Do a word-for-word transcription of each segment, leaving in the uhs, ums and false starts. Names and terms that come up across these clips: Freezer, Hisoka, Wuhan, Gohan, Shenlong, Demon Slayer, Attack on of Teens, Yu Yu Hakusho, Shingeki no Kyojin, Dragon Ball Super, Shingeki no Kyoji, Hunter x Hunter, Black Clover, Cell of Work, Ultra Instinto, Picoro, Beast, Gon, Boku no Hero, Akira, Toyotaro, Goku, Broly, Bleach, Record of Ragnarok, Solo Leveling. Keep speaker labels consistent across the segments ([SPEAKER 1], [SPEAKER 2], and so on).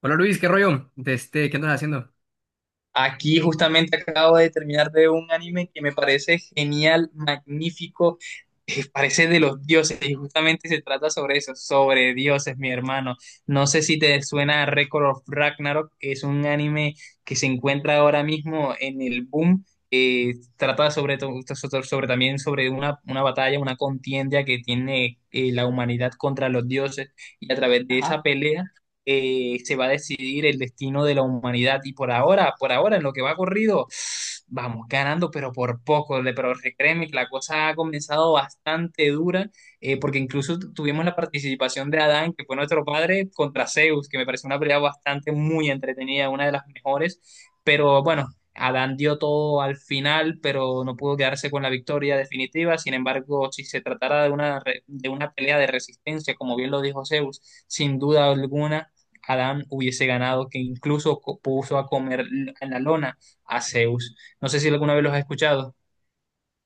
[SPEAKER 1] Hola Luis, ¿qué rollo? De este, ¿qué andas haciendo?
[SPEAKER 2] Aquí justamente acabo de terminar de ver un anime que me parece genial, magnífico, eh, parece de los dioses y justamente se trata sobre eso, sobre dioses, mi hermano. No sé si te suena a Record of Ragnarok, que es un anime que se encuentra ahora mismo en el boom. Eh, trata sobre, to- sobre, sobre también sobre una, una batalla, una contienda que tiene eh, la humanidad contra los dioses, y a través de esa
[SPEAKER 1] Ajá.
[SPEAKER 2] pelea eh, se va a decidir el destino de la humanidad. Y por ahora, por ahora, en lo que va corrido, vamos ganando, pero por poco. Le- Pero créeme que la cosa ha comenzado bastante dura, eh, porque incluso tu- tuvimos la participación de Adán, que fue nuestro padre, contra Zeus, que me pareció una pelea bastante muy entretenida, una de las mejores. Pero bueno. Adán dio todo al final, pero no pudo quedarse con la victoria definitiva. Sin embargo, si se tratara de una, re- de una pelea de resistencia, como bien lo dijo Zeus, sin duda alguna, Adán hubiese ganado, que incluso co- puso a comer en la lona a Zeus. No sé si alguna vez los has escuchado.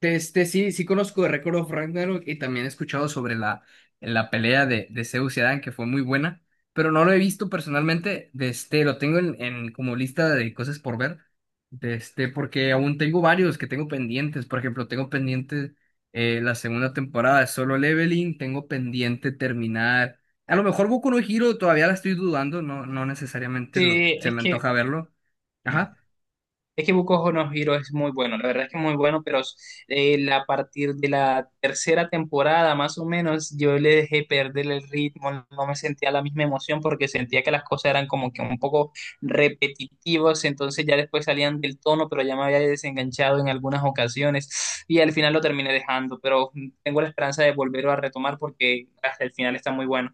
[SPEAKER 1] De este, sí, sí conozco de Record of Ragnarok y también he escuchado sobre la, la pelea de, de Zeus y Adán, que fue muy buena, pero no lo he visto personalmente. De este, lo tengo en, en como lista de cosas por ver, de este, porque aún tengo varios que tengo pendientes. Por ejemplo, tengo pendiente eh, la segunda temporada de Solo Leveling, tengo pendiente terminar. A lo mejor Boku no Hero todavía la estoy dudando, no, no necesariamente lo,
[SPEAKER 2] Sí,
[SPEAKER 1] se
[SPEAKER 2] es
[SPEAKER 1] me
[SPEAKER 2] que
[SPEAKER 1] antoja verlo. Ajá.
[SPEAKER 2] es que Boku no Hero es muy bueno, la verdad es que es muy bueno, pero eh, la- a partir de la tercera temporada, más o menos, yo le dejé perder el ritmo, no me sentía la misma emoción porque sentía que las cosas eran como que un poco repetitivas, entonces ya después salían del tono, pero ya me había desenganchado en algunas ocasiones y al final lo terminé dejando, pero tengo la esperanza de volverlo a retomar porque hasta el final está muy bueno.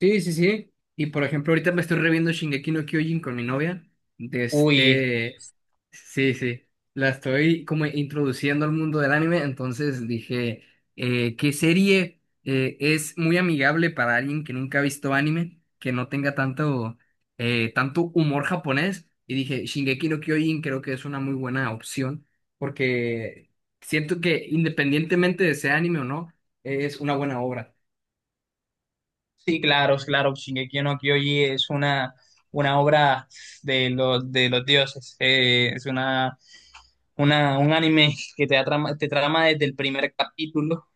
[SPEAKER 1] Sí, sí, sí. Y por ejemplo, ahorita me estoy reviendo Shingeki no Kyojin con mi novia. De
[SPEAKER 2] Uy.
[SPEAKER 1] este. Sí, sí. La estoy como introduciendo al mundo del anime. Entonces dije, eh, ¿qué serie eh, es muy amigable para alguien que nunca ha visto anime? Que no tenga tanto, eh, tanto humor japonés. Y dije, Shingeki no Kyojin creo que es una muy buena opción. Porque siento que independientemente de sea anime o no, es una buena obra.
[SPEAKER 2] Sí, claro, claro, Shingeki no Kyoji es una, una obra de los, de los dioses, eh, es una, una, un anime que te trama, te trama desde el primer capítulo,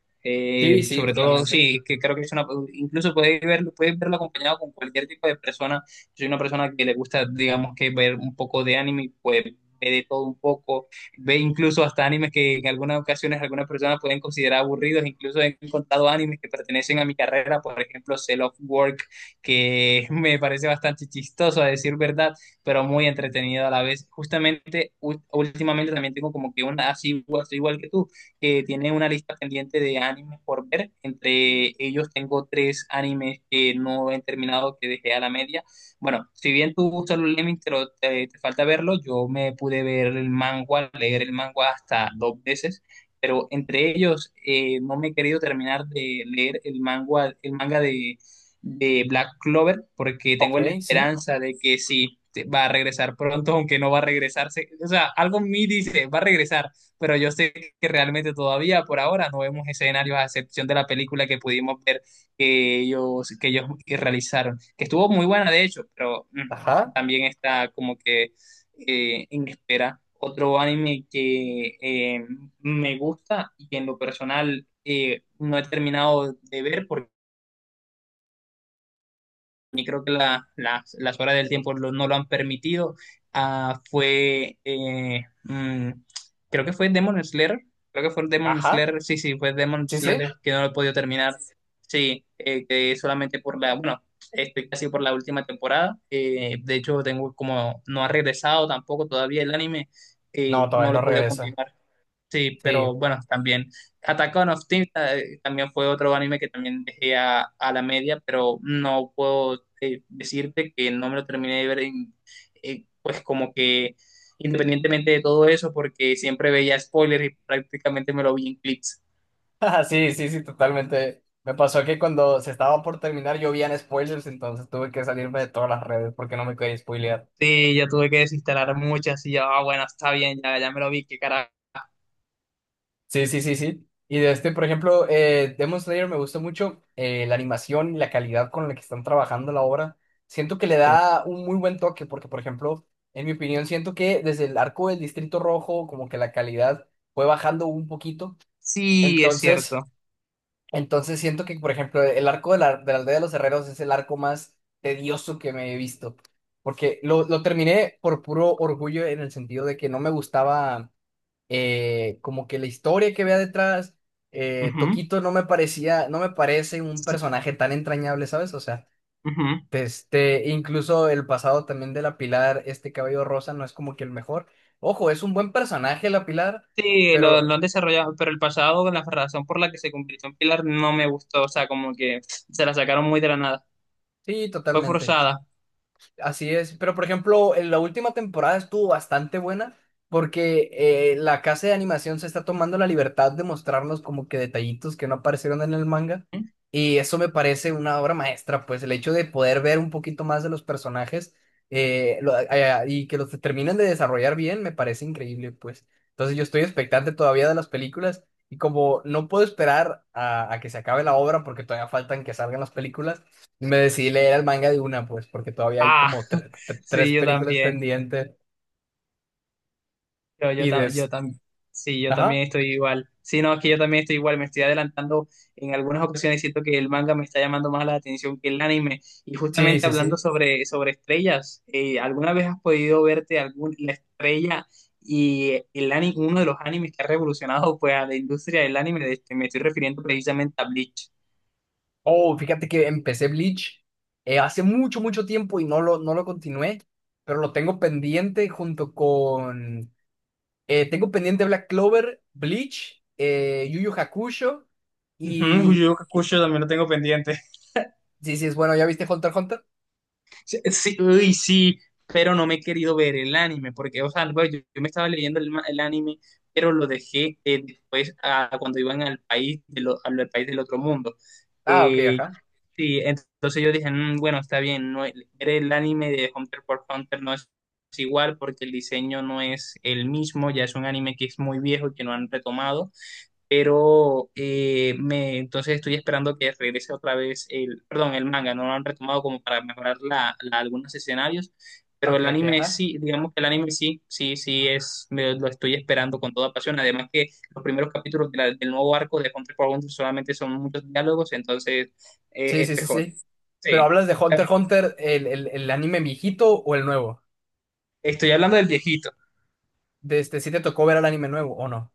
[SPEAKER 1] Sí,
[SPEAKER 2] eh,
[SPEAKER 1] sí,
[SPEAKER 2] sobre todo,
[SPEAKER 1] totalmente.
[SPEAKER 2] sí, que creo que es una, incluso puedes verlo, puedes verlo acompañado con cualquier tipo de persona, soy una persona que le gusta, digamos, que ver un poco de anime, pues ve de todo un poco, ve incluso hasta animes que en algunas ocasiones algunas personas pueden considerar aburridos. Incluso he encontrado animes que pertenecen a mi carrera, por ejemplo, Cell of Work, que me parece bastante chistoso a decir verdad, pero muy entretenido a la vez. Justamente, ú- últimamente también tengo como que una, así igual, soy igual que tú, que tiene una lista pendiente de animes por ver. Entre ellos tengo tres animes que no he terminado, que dejé a la media. Bueno, si bien tú Solo Lemmings te, lo- te- te falta verlo, yo me pude ver el manga, leer el manga hasta dos veces, pero entre ellos eh, no me he querido terminar de leer el manga, el manga de, de Black Clover, porque
[SPEAKER 1] Ok,
[SPEAKER 2] tengo la
[SPEAKER 1] sí.
[SPEAKER 2] esperanza de que sí te- va a regresar pronto, aunque no va a regresarse. O sea, algo en mí dice, va a regresar, pero yo sé que realmente todavía por ahora no vemos escenarios a excepción de la película que pudimos ver que ellos, que ellos que realizaron, que estuvo muy buena de hecho, pero mm,
[SPEAKER 1] Ajá,
[SPEAKER 2] también está como que eh, en espera otro anime que eh, me gusta y que en lo personal eh, no he terminado de ver porque creo que la, la- las horas del tiempo lo- no lo han permitido. Ah, fue, eh, mm, creo que fue Demon Slayer, creo que fue Demon
[SPEAKER 1] ajá.
[SPEAKER 2] Slayer, sí, sí, fue Demon
[SPEAKER 1] Sí, sí.
[SPEAKER 2] Slayer que no lo he podido terminar. Sí, eh, que solamente por la, bueno, estoy casi por la última temporada. Eh, de hecho, tengo como, no ha regresado tampoco todavía el anime,
[SPEAKER 1] No,
[SPEAKER 2] eh,
[SPEAKER 1] todavía
[SPEAKER 2] no lo
[SPEAKER 1] no
[SPEAKER 2] he podido
[SPEAKER 1] regresa.
[SPEAKER 2] continuar. Sí, pero
[SPEAKER 1] Sí.
[SPEAKER 2] bueno, también Attack on of Teens, eh, también fue otro anime que también dejé a, a la media, pero no puedo eh, decirte que no me lo terminé de ver, en- eh, pues como que independientemente de todo eso, porque siempre veía spoilers y prácticamente me lo vi en clips.
[SPEAKER 1] Ajá, sí, sí, sí, totalmente. Me pasó que cuando se estaba por terminar llovían spoilers, entonces tuve que salirme de todas las redes porque no me quería spoilear.
[SPEAKER 2] Sí, ya tuve que desinstalar muchas y ya, ah, bueno, está bien, ya, ya me lo vi, qué carajo.
[SPEAKER 1] Sí, sí, sí, sí. Y de este, por ejemplo, eh, Demon Slayer me gusta mucho eh, la animación y la calidad con la que están trabajando la obra. Siento que le
[SPEAKER 2] Sí.
[SPEAKER 1] da un muy buen toque porque, por ejemplo, en mi opinión, siento que desde el arco del Distrito Rojo, como que la calidad fue bajando un poquito.
[SPEAKER 2] Sí, es
[SPEAKER 1] Entonces...
[SPEAKER 2] cierto.
[SPEAKER 1] Entonces siento que, por ejemplo, el arco de la, de la aldea de los herreros es el arco más tedioso que me he visto. Porque lo, lo terminé por puro orgullo en el sentido de que no me gustaba eh, como que la historia que vea detrás. Eh,
[SPEAKER 2] Ujú.
[SPEAKER 1] Toquito no me parecía, no me parece un
[SPEAKER 2] Sí,
[SPEAKER 1] personaje tan entrañable, ¿sabes? O sea,
[SPEAKER 2] ujú.
[SPEAKER 1] este, incluso el pasado también de la Pilar, este cabello rosa, no es como que el mejor. Ojo, es un buen personaje la Pilar,
[SPEAKER 2] Sí, lo,
[SPEAKER 1] pero
[SPEAKER 2] lo han desarrollado, pero el pasado, la razón por la que se convirtió en Pilar no me gustó, o sea, como que se la sacaron muy de la nada,
[SPEAKER 1] sí,
[SPEAKER 2] fue
[SPEAKER 1] totalmente.
[SPEAKER 2] forzada.
[SPEAKER 1] Así es, pero por ejemplo, en la última temporada estuvo bastante buena porque eh, la casa de animación se está tomando la libertad de mostrarnos como que detallitos que no aparecieron en el manga y eso me parece una obra maestra, pues el hecho de poder ver un poquito más de los personajes eh, lo- eh, y que los terminen de desarrollar bien me parece increíble, pues. Entonces yo estoy expectante todavía de las películas y como no puedo esperar a, a que se acabe la obra porque todavía faltan que salgan las películas. Me decidí leer el manga de una, pues, porque todavía hay
[SPEAKER 2] Ah,
[SPEAKER 1] como tre- tre- tres
[SPEAKER 2] sí, yo
[SPEAKER 1] películas
[SPEAKER 2] también.
[SPEAKER 1] pendientes
[SPEAKER 2] Yo, yo,
[SPEAKER 1] y
[SPEAKER 2] ta- yo
[SPEAKER 1] des...
[SPEAKER 2] tam- Sí, yo también
[SPEAKER 1] Ajá.
[SPEAKER 2] estoy igual. Sí, no, es que yo también estoy igual, me estoy adelantando en algunas ocasiones, siento que el manga me está llamando más la atención que el anime. Y
[SPEAKER 1] Sí,
[SPEAKER 2] justamente
[SPEAKER 1] sí,
[SPEAKER 2] hablando
[SPEAKER 1] sí.
[SPEAKER 2] sobre, sobre estrellas, eh, ¿alguna vez has podido verte algún, la estrella y el anime, uno de los animes que ha revolucionado pues, a la industria del anime? De este, me estoy refiriendo precisamente a Bleach.
[SPEAKER 1] Oh, fíjate que empecé Bleach eh, hace mucho, mucho tiempo y no lo, no lo continué, pero lo tengo pendiente junto con... Eh, tengo pendiente Black Clover, Bleach, eh, Yu Yu Hakusho
[SPEAKER 2] Ujú, Yu
[SPEAKER 1] y...
[SPEAKER 2] Yu Hakusho también lo tengo pendiente.
[SPEAKER 1] Sí, sí, es bueno, ¿ya viste Hunter x Hunter?
[SPEAKER 2] Sí, sí, uy, sí, pero no me he querido ver el anime, porque, o sea, bueno, yo, yo me estaba leyendo el, ma- el anime, pero lo dejé eh, después a- cuando iban al país, de lo- al al país del otro mundo.
[SPEAKER 1] Ah, ok,
[SPEAKER 2] Eh,
[SPEAKER 1] ajá.
[SPEAKER 2] sí, entonces yo dije, "Mm, bueno, está bien, no, el- ver el anime de Hunter por Hunter no es, es igual porque el diseño no es el mismo, ya es un anime que es muy viejo, que no han retomado, pero eh, me, entonces estoy esperando que regrese otra vez el, perdón, el manga, no lo han retomado como para mejorar la, la- algunos escenarios, pero
[SPEAKER 1] Ok,
[SPEAKER 2] el
[SPEAKER 1] ok,
[SPEAKER 2] anime
[SPEAKER 1] ajá.
[SPEAKER 2] sí, digamos que el anime sí, sí, sí es, me- lo estoy esperando con toda pasión, además que los primeros capítulos de la- del nuevo arco de Hunter x Hunter solamente son muchos diálogos, entonces
[SPEAKER 1] Sí,
[SPEAKER 2] es
[SPEAKER 1] sí, sí,
[SPEAKER 2] mejor,
[SPEAKER 1] sí. Pero
[SPEAKER 2] sí,
[SPEAKER 1] hablas de
[SPEAKER 2] claro.
[SPEAKER 1] Hunter x Hunter, el, el, el anime viejito o el nuevo.
[SPEAKER 2] Estoy hablando del viejito.
[SPEAKER 1] De este, ¿sí te tocó ver el anime nuevo o no?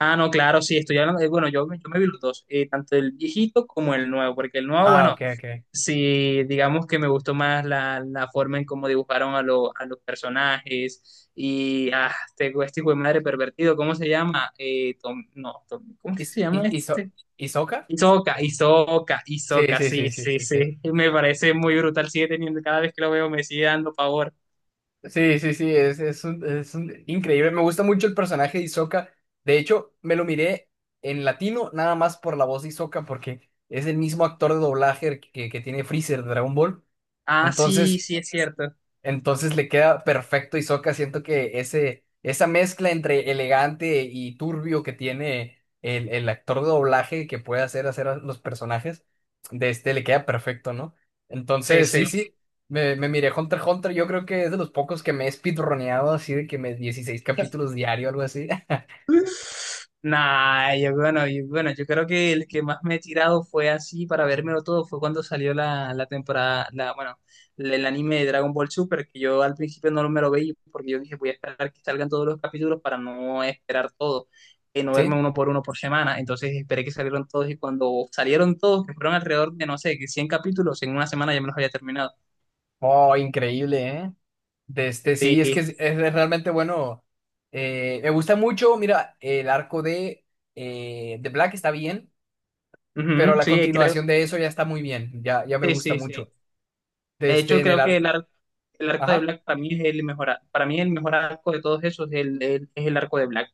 [SPEAKER 2] Ah, no, claro, sí, estoy hablando, de- bueno, yo, me- yo me vi los dos, eh, tanto el viejito como el nuevo, porque el nuevo,
[SPEAKER 1] Ah, ok,
[SPEAKER 2] bueno,
[SPEAKER 1] ok.
[SPEAKER 2] sí, digamos que me gustó más la, la forma en cómo dibujaron a, lo- a los personajes y ah, este, güey- este hijo de madre pervertido, ¿cómo se llama? Eh, Tom- no, Tom- ¿Cómo que
[SPEAKER 1] ¿Is,
[SPEAKER 2] se llama
[SPEAKER 1] is Iso-
[SPEAKER 2] este?
[SPEAKER 1] Isoka?
[SPEAKER 2] Hisoka, Hisoka,
[SPEAKER 1] Sí,
[SPEAKER 2] Hisoka,
[SPEAKER 1] sí,
[SPEAKER 2] sí,
[SPEAKER 1] sí, sí,
[SPEAKER 2] sí,
[SPEAKER 1] sí,
[SPEAKER 2] sí,
[SPEAKER 1] sí.
[SPEAKER 2] me parece muy brutal, sigue teniendo, cada vez que lo veo me sigue dando pavor.
[SPEAKER 1] Sí, sí, sí, es, es un, es un- increíble. Me gusta mucho el personaje de Isoka. De hecho, me lo miré en latino nada más por la voz de Isoka porque es el mismo actor de doblaje que, que tiene Freezer de Dragon Ball.
[SPEAKER 2] Ah, sí,
[SPEAKER 1] Entonces,
[SPEAKER 2] sí, es cierto,
[SPEAKER 1] entonces le queda perfecto y Hisoka. Siento que ese, esa mezcla entre elegante y turbio que tiene el, el actor de doblaje que puede hacer, hacer a los personajes, de este le queda perfecto, ¿no?
[SPEAKER 2] sí,
[SPEAKER 1] Entonces,
[SPEAKER 2] sí.
[SPEAKER 1] sí, sí. Me, me miré Hunter x Hunter. Yo creo que es de los pocos que me he speedroneado así de que me dieciséis capítulos diario, algo así.
[SPEAKER 2] Nah, yo, bueno, yo, bueno, yo creo que el que más me he tirado fue así para vérmelo todo, fue cuando salió la, la temporada, la, bueno, el anime de Dragon Ball Super, que yo al principio no me lo veía porque yo dije voy a esperar que salgan todos los capítulos para no esperar todo, y no verme
[SPEAKER 1] Sí.
[SPEAKER 2] uno por uno por semana, entonces esperé que salieron todos y cuando salieron todos, que fueron alrededor de, no sé, que cien capítulos, en una semana ya me los había terminado.
[SPEAKER 1] Oh, increíble, ¿eh? De este,
[SPEAKER 2] Sí,
[SPEAKER 1] sí, es que es, es realmente bueno. Eh, me gusta mucho, mira, el arco de, eh, de Black está bien, pero
[SPEAKER 2] ujú,
[SPEAKER 1] la
[SPEAKER 2] sí, creo,
[SPEAKER 1] continuación de eso ya está muy bien, ya, ya me
[SPEAKER 2] sí,
[SPEAKER 1] gusta
[SPEAKER 2] sí, sí.
[SPEAKER 1] mucho.
[SPEAKER 2] De
[SPEAKER 1] Desde
[SPEAKER 2] hecho,
[SPEAKER 1] en el
[SPEAKER 2] creo que el,
[SPEAKER 1] arc,
[SPEAKER 2] ar- el arco de
[SPEAKER 1] ajá,
[SPEAKER 2] Black para mí es el mejor, ar- para mí el mejor arco de todos esos, el- el- es el arco de Black.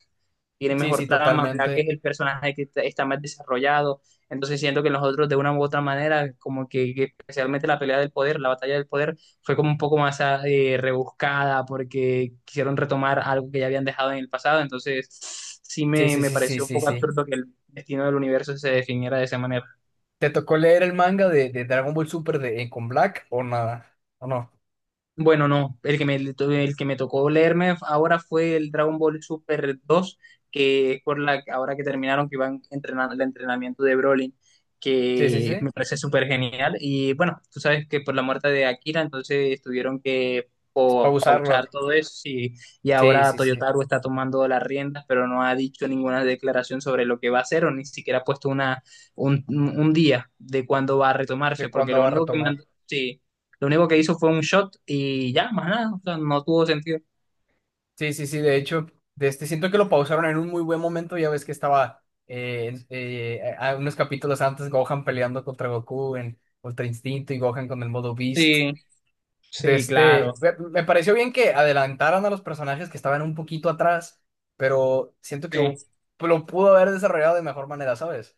[SPEAKER 2] Tiene
[SPEAKER 1] sí,
[SPEAKER 2] mejor
[SPEAKER 1] sí,
[SPEAKER 2] trama, Black es
[SPEAKER 1] totalmente.
[SPEAKER 2] el personaje que está, está más desarrollado, entonces siento que los otros de una u otra manera, como que, que especialmente la pelea del poder, la batalla del poder, fue como un poco más ah, eh, rebuscada porque quisieron retomar algo que ya habían dejado en el pasado, entonces sí
[SPEAKER 1] Sí,
[SPEAKER 2] me,
[SPEAKER 1] sí,
[SPEAKER 2] me
[SPEAKER 1] sí, sí,
[SPEAKER 2] pareció un
[SPEAKER 1] sí,
[SPEAKER 2] poco
[SPEAKER 1] sí.
[SPEAKER 2] absurdo que el destino del universo se definiera de esa manera.
[SPEAKER 1] ¿Te tocó leer el manga de, de Dragon Ball Super de Con Black o nada? ¿O no?
[SPEAKER 2] Bueno, no, el que me, el que me tocó leerme ahora fue el Dragon Ball Super dos, que es por la ahora que terminaron que iban entrenando el entrenamiento de Broly,
[SPEAKER 1] Sí, sí,
[SPEAKER 2] que
[SPEAKER 1] sí.
[SPEAKER 2] me parece súper genial. Y bueno, tú sabes que por la muerte de Akira, entonces tuvieron que po-
[SPEAKER 1] Para
[SPEAKER 2] pausar
[SPEAKER 1] usarlo.
[SPEAKER 2] todo eso, y, y
[SPEAKER 1] Sí,
[SPEAKER 2] ahora
[SPEAKER 1] sí, sí.
[SPEAKER 2] Toyotaro está tomando las riendas, pero no ha dicho ninguna declaración sobre lo que va a hacer o ni siquiera ha puesto una, un, un día de cuándo va a retomarse,
[SPEAKER 1] ¿De
[SPEAKER 2] porque
[SPEAKER 1] cuándo
[SPEAKER 2] lo
[SPEAKER 1] va a
[SPEAKER 2] único que
[SPEAKER 1] retomar?
[SPEAKER 2] mandó... Lo único que hizo fue un shot y ya, más nada. O sea, no tuvo sentido.
[SPEAKER 1] Sí, sí, sí. De hecho, de este siento que lo pausaron en un muy buen momento. Ya ves que estaba eh, eh, a unos capítulos antes Gohan peleando contra Goku en Ultra Instinto y Gohan con el modo Beast.
[SPEAKER 2] Sí,
[SPEAKER 1] De
[SPEAKER 2] sí, claro.
[SPEAKER 1] este, me, me pareció bien que adelantaran a los personajes que estaban un poquito atrás, pero siento que hu-
[SPEAKER 2] Sí.
[SPEAKER 1] lo pudo haber desarrollado de mejor manera, ¿sabes?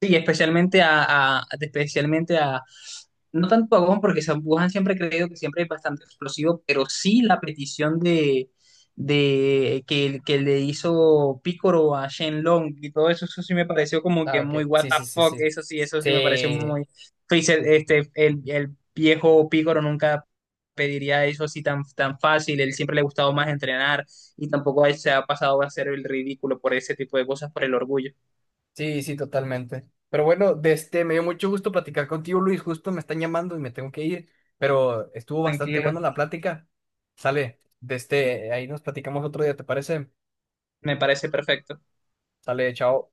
[SPEAKER 2] Sí, especialmente a, a- especialmente a, no tanto a Gon, porque San- Wuhan siempre he creído que siempre es bastante explosivo, pero sí la petición de, de que, que le hizo Picoro a Shenlong y todo eso, eso sí me pareció como que
[SPEAKER 1] Ah,
[SPEAKER 2] muy
[SPEAKER 1] ok.
[SPEAKER 2] what
[SPEAKER 1] Sí,
[SPEAKER 2] the
[SPEAKER 1] sí, sí,
[SPEAKER 2] fuck,
[SPEAKER 1] sí.
[SPEAKER 2] eso sí, eso sí me pareció
[SPEAKER 1] Sí,
[SPEAKER 2] muy Freezer, este, el, el viejo Picoro nunca pediría eso así tan, tan fácil, él siempre le ha gustado más entrenar y tampoco a él se ha pasado a hacer el ridículo por ese tipo de cosas, por el orgullo.
[SPEAKER 1] sí, sí, totalmente. Pero bueno, de este, me dio mucho gusto platicar contigo, Luis. Justo me están llamando y me tengo que ir, pero estuvo bastante
[SPEAKER 2] Tranquilo.
[SPEAKER 1] buena la plática. Sale, de este, ahí nos platicamos otro día, ¿te parece?
[SPEAKER 2] Me parece perfecto.
[SPEAKER 1] Sale, chao.